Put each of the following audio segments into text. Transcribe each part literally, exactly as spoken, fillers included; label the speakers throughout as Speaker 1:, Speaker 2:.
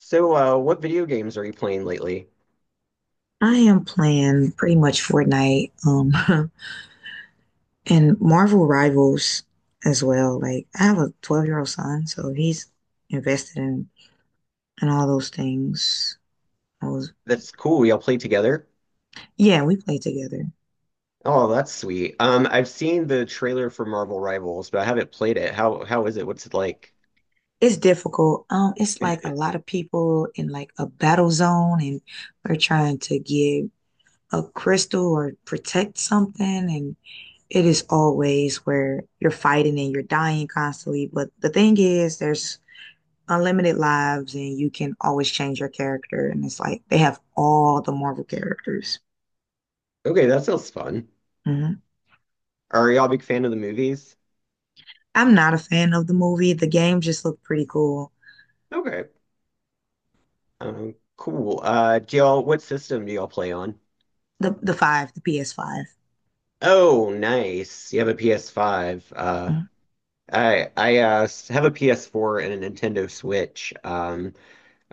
Speaker 1: So, uh, what video games are you playing lately?
Speaker 2: I am playing pretty much Fortnite, um, and Marvel Rivals as well. Like I have a twelve year old son, so he's invested in in all those things. I was.
Speaker 1: That's cool. We all play together?
Speaker 2: Yeah, we play together.
Speaker 1: Oh, that's sweet. Um, I've seen the trailer for Marvel Rivals, but I haven't played it. How how is it? What's it like?
Speaker 2: It's difficult. Um, it's like a lot of people in like a battle zone, and we're trying to get a crystal or protect something, and it is always where you're fighting and you're dying constantly. But the thing is, there's unlimited lives and you can always change your character. And it's like they have all the Marvel characters.
Speaker 1: Okay, that sounds fun.
Speaker 2: Hmm.
Speaker 1: Are y'all a big fan of the movies?
Speaker 2: I'm not a fan of the movie. The game just looked pretty cool.
Speaker 1: Okay. Um, cool. Uh, do y'all What system do y'all play on?
Speaker 2: The the five, the P S five.
Speaker 1: Oh, nice. You have a P S five. Uh,
Speaker 2: Mhm.
Speaker 1: I I uh, s- have a P S four and a Nintendo Switch. Um,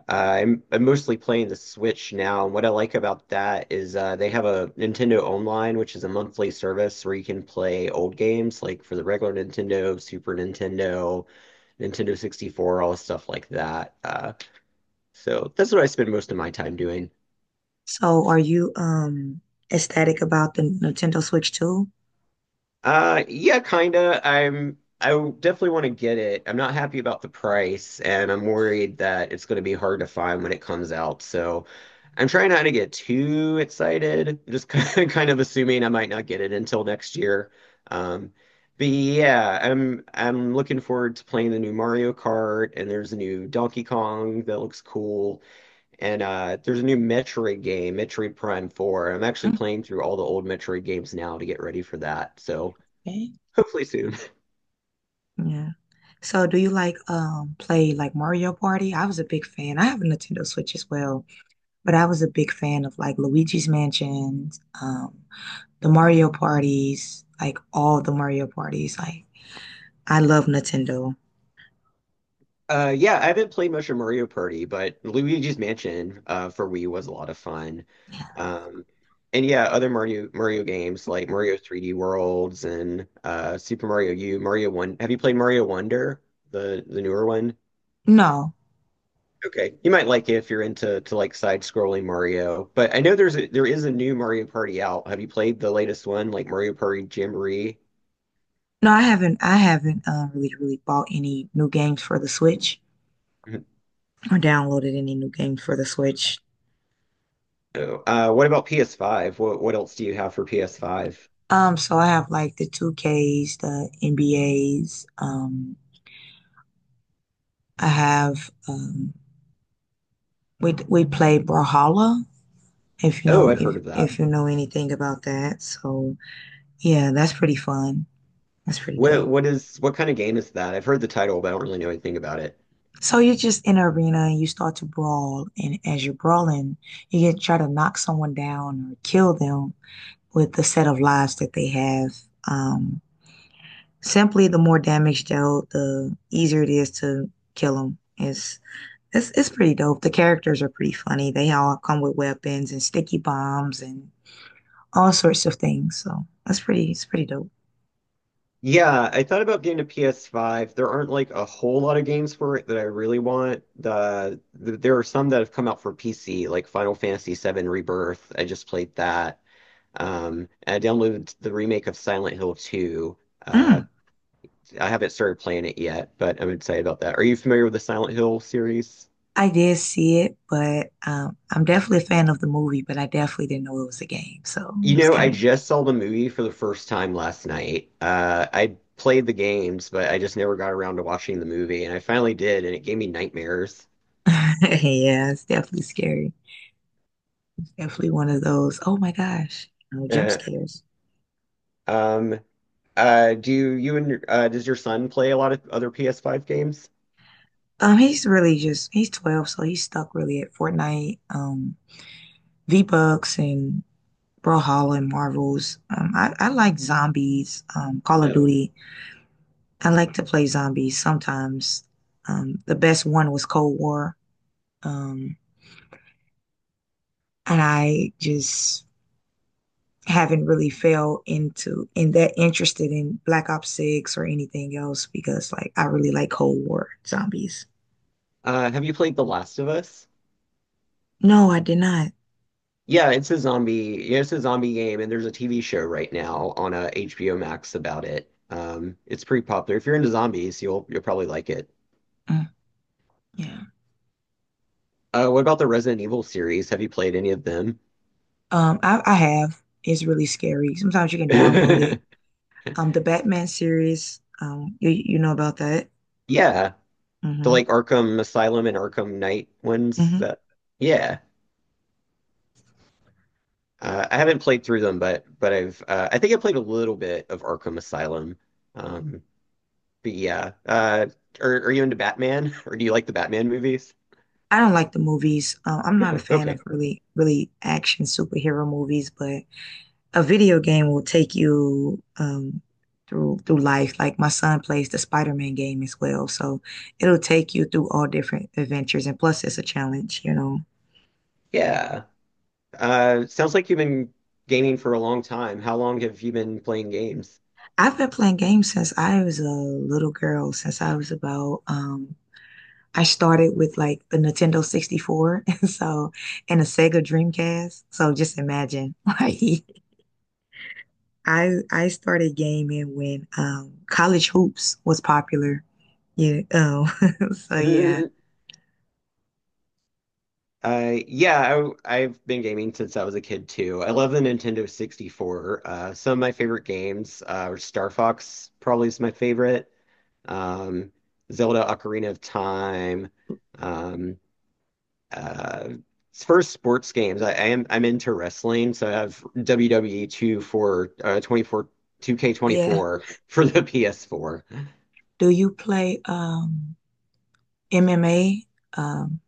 Speaker 1: I'm I'm mostly playing the Switch now, and what I like about that is uh, they have a Nintendo Online, which is a monthly service where you can play old games like for the regular Nintendo, Super Nintendo, Nintendo sixty-four, all stuff like that. Uh, so that's what I spend most of my time doing.
Speaker 2: So are you um ecstatic about the Nintendo Switch too?
Speaker 1: Uh, yeah, kinda. I'm I w- definitely want to get it. I'm not happy about the price, and I'm worried that it's going to be hard to find when it comes out. So I'm trying not to get too excited. Just kind kind of assuming I might not get it until next year. Um, but yeah, I'm I'm looking forward to playing the new Mario Kart, and there's a new Donkey Kong that looks cool, and uh, there's a new Metroid game, Metroid Prime four. I'm actually playing through all the old Metroid games now to get ready for that. So.
Speaker 2: Okay.
Speaker 1: Hopefully soon.
Speaker 2: Yeah. So do you like um play like Mario Party? I was a big fan. I have a Nintendo Switch as well, but I was a big fan of like Luigi's Mansion, um the Mario parties, like all the Mario parties. Like I love Nintendo.
Speaker 1: Uh, yeah, I haven't played much of Mario Party, but Luigi's Mansion uh, for Wii was a lot of fun. Um, and yeah, other Mario Mario games like Mario three D Worlds and uh, Super Mario U, Mario One. Have you played Mario Wonder, the the newer one?
Speaker 2: No,
Speaker 1: Okay, you might like it if you're into to like side-scrolling Mario. But I know there's a, there is a new Mario Party out. Have you played the latest one, like Mario Party Jamboree?
Speaker 2: no, I haven't. I haven't uh, really, really bought any new games for the Switch or downloaded any new games for the Switch.
Speaker 1: Oh, Uh, what about P S five? What what else do you have for P S five?
Speaker 2: Um, so I have like the two Ks, the N B As. Um, I have um, we we play Brawlhalla if you
Speaker 1: Oh,
Speaker 2: know
Speaker 1: I've
Speaker 2: if
Speaker 1: heard of that.
Speaker 2: if you know anything about that. So yeah, that's pretty fun. That's pretty
Speaker 1: What
Speaker 2: dope.
Speaker 1: what is what kind of game is that? I've heard the title, but I don't really know anything about it.
Speaker 2: So you're just in an arena and you start to brawl, and as you're brawling, you get try to knock someone down or kill them with the set of lives that they have. Um, simply, the more damage dealt, the easier it is to kill them. It's it's it's pretty dope. The characters are pretty funny. They all come with weapons and sticky bombs and all sorts of things. So that's pretty it's pretty dope.
Speaker 1: Yeah, I thought about getting a P S five. There aren't like a whole lot of games for it that I really want. The, the there are some that have come out for P C, like Final Fantasy seven Rebirth. I just played that. Um, and I downloaded the remake of Silent Hill two. Uh,
Speaker 2: Mm,
Speaker 1: I haven't started playing it yet, but I'm excited about that. Are you familiar with the Silent Hill series?
Speaker 2: I did see it, but um, I'm definitely a fan of the movie, but I definitely didn't know it was a game. So it
Speaker 1: You
Speaker 2: was
Speaker 1: know,
Speaker 2: kind
Speaker 1: I
Speaker 2: of.
Speaker 1: just saw the movie for the first time last night. Uh, I played the games, but I just never got around to watching the movie, and I finally did, and it gave me nightmares.
Speaker 2: Yeah, it's definitely scary. Definitely one of those, oh my gosh, you know, jump
Speaker 1: Uh,
Speaker 2: scares.
Speaker 1: um, uh, do you and uh, does your son play a lot of other P S five games?
Speaker 2: Um, he's really just he's twelve, so he's stuck really at Fortnite, um, V-Bucks and Brawlhalla and Marvels. Um, I, I like zombies, um, Call of
Speaker 1: No.
Speaker 2: Duty. I like to play zombies sometimes. Um, the best one was Cold War. Um, and I just haven't really fell into and that interested in Black Ops six or anything else because like I really like Cold War zombies.
Speaker 1: Uh, have you played The Last of Us?
Speaker 2: No, I did not.
Speaker 1: Yeah, it's a zombie. Yeah, it's a zombie game, and there's a T V show right now on uh, H B O Max about it. Um, it's pretty popular. If you're into zombies, you'll you'll probably like it.
Speaker 2: Mm, yeah.
Speaker 1: Uh, what about the Resident Evil series? Have you played any of them?
Speaker 2: Um I, I have. It's really scary. Sometimes you can download it. Um, the Batman series, um you you know about that.
Speaker 1: Yeah, the
Speaker 2: Hmm.
Speaker 1: like Arkham Asylum and Arkham Knight ones
Speaker 2: Hmm.
Speaker 1: that yeah. Uh, I haven't played through them, but but I've uh, I think I played a little bit of Arkham Asylum. Um, but yeah, uh, are are you into Batman or do you like the Batman movies?
Speaker 2: I don't like the movies. Um, I'm not a
Speaker 1: No.
Speaker 2: fan
Speaker 1: Okay.
Speaker 2: of really really action superhero movies, but a video game will take you um, through through life. Like my son plays the Spider-Man game as well, so it'll take you through all different adventures. And plus, it's a challenge, you know.
Speaker 1: Yeah. Uh, sounds like you've been gaming for a long time. How long have you been playing games?
Speaker 2: I've been playing games since I was a little girl, since I was about um, I started with like the Nintendo sixty-four and so and a Sega Dreamcast. So just imagine like I I started gaming when um college hoops was popular. Yeah. Oh. So yeah.
Speaker 1: Uh, yeah, I, I've been gaming since I was a kid too. I love the Nintendo sixty-four. Uh, some of my favorite games uh, are Star Fox, probably is my favorite. Um, Zelda Ocarina of Time. Um, uh, First sports games. I, I am I'm into wrestling, so I have W W E two for uh, twenty-four
Speaker 2: Yeah.
Speaker 1: two K twenty-four for the P S four.
Speaker 2: Do you play um M M A? Um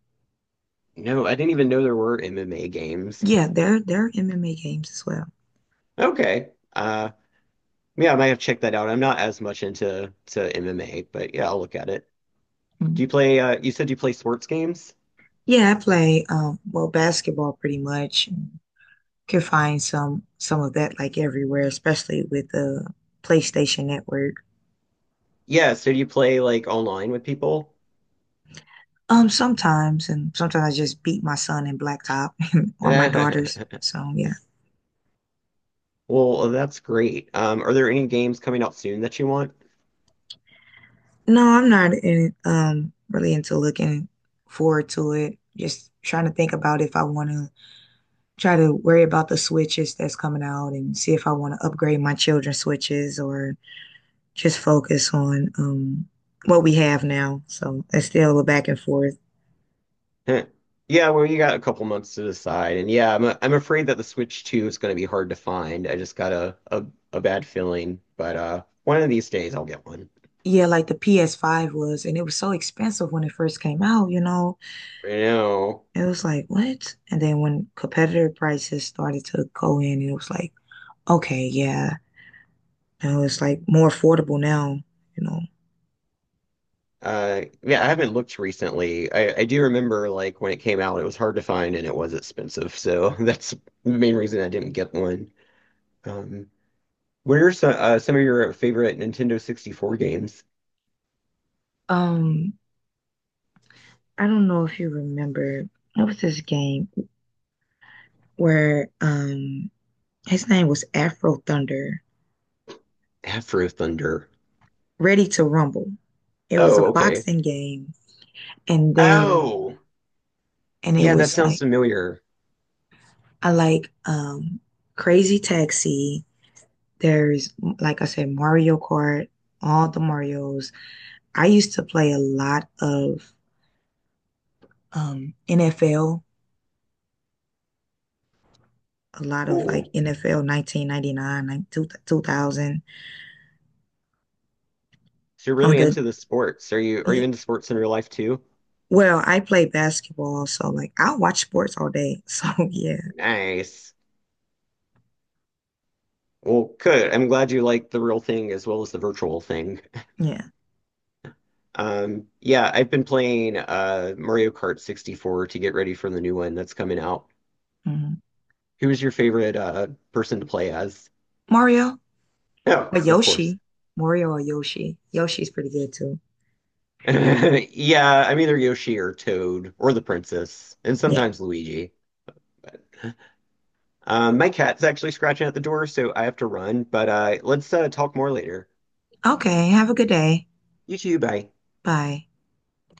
Speaker 1: No, I didn't even know there were M M A games.
Speaker 2: yeah, there there are M M A games as well.
Speaker 1: Okay. uh, Yeah, I might have checked that out. I'm not as much into to M M A, but yeah, I'll look at it.
Speaker 2: Mm.
Speaker 1: Do you play uh You said you play sports games?
Speaker 2: Yeah, I play um well basketball pretty much. Can find some some of that like everywhere, especially with the PlayStation Network.
Speaker 1: Yeah, so do you play like online with people?
Speaker 2: Um sometimes and sometimes I just beat my son in blacktop or my daughters. So yeah.
Speaker 1: Well, that's great. Um, are there any games coming out soon that you want?
Speaker 2: No, I'm not in, um really into looking forward to it. Just trying to think about if I want to try to worry about the switches that's coming out and see if I want to upgrade my children's switches or just focus on um, what we have now. So it's still a back and forth.
Speaker 1: Huh. Yeah, well, you got a couple months to decide. And yeah, I'm I'm afraid that the Switch two is going to be hard to find. I just got a, a a bad feeling, but uh one of these days I'll get one.
Speaker 2: Yeah, like the P S five was, and it was so expensive when it first came out, you know.
Speaker 1: I know.
Speaker 2: It was like, what? And then when competitor prices started to go in, it was like, okay, yeah. You know, it's like more affordable now, you know.
Speaker 1: Uh, yeah, I haven't looked recently. I, I do remember like when it came out, it was hard to find and it was expensive. So that's the main reason I didn't get one. Um, what are some uh, some of your favorite Nintendo sixty-four games?
Speaker 2: Um, I don't know if you remember, what was this game where um his name was Afro Thunder,
Speaker 1: Afro Thunder.
Speaker 2: Ready to Rumble. It was
Speaker 1: Oh,
Speaker 2: a
Speaker 1: okay.
Speaker 2: boxing game, and there and
Speaker 1: Oh,
Speaker 2: it
Speaker 1: yeah, that
Speaker 2: was
Speaker 1: sounds
Speaker 2: like
Speaker 1: familiar.
Speaker 2: I like um Crazy Taxi. There's like I said, Mario Kart, all the Marios. I used to play a lot of um N F L, a lot of like
Speaker 1: Cool.
Speaker 2: N F L nineteen ninety-nine, like two thousand
Speaker 1: So you're
Speaker 2: on
Speaker 1: really
Speaker 2: the.
Speaker 1: into the sports. Are you are you into sports in real life too?
Speaker 2: Well, I play basketball, so like I watch sports all day. So yeah,
Speaker 1: Nice. Well, good. I'm glad you like the real thing as well as the virtual thing.
Speaker 2: yeah.
Speaker 1: Um, Yeah, I've been playing uh, Mario Kart sixty-four to get ready for the new one that's coming out.
Speaker 2: Mhm.
Speaker 1: Who's your favorite uh, person to play as?
Speaker 2: Mario,
Speaker 1: Oh,
Speaker 2: or
Speaker 1: of course.
Speaker 2: Yoshi, Mario or Yoshi. Yoshi's pretty good too.
Speaker 1: Yeah, I'm either Yoshi or Toad or the princess, and
Speaker 2: Yeah.
Speaker 1: sometimes Luigi. Um, my cat's actually scratching at the door, so I have to run, but uh, let's uh, talk more later.
Speaker 2: Okay. Have a good day.
Speaker 1: You too, bye.
Speaker 2: Bye.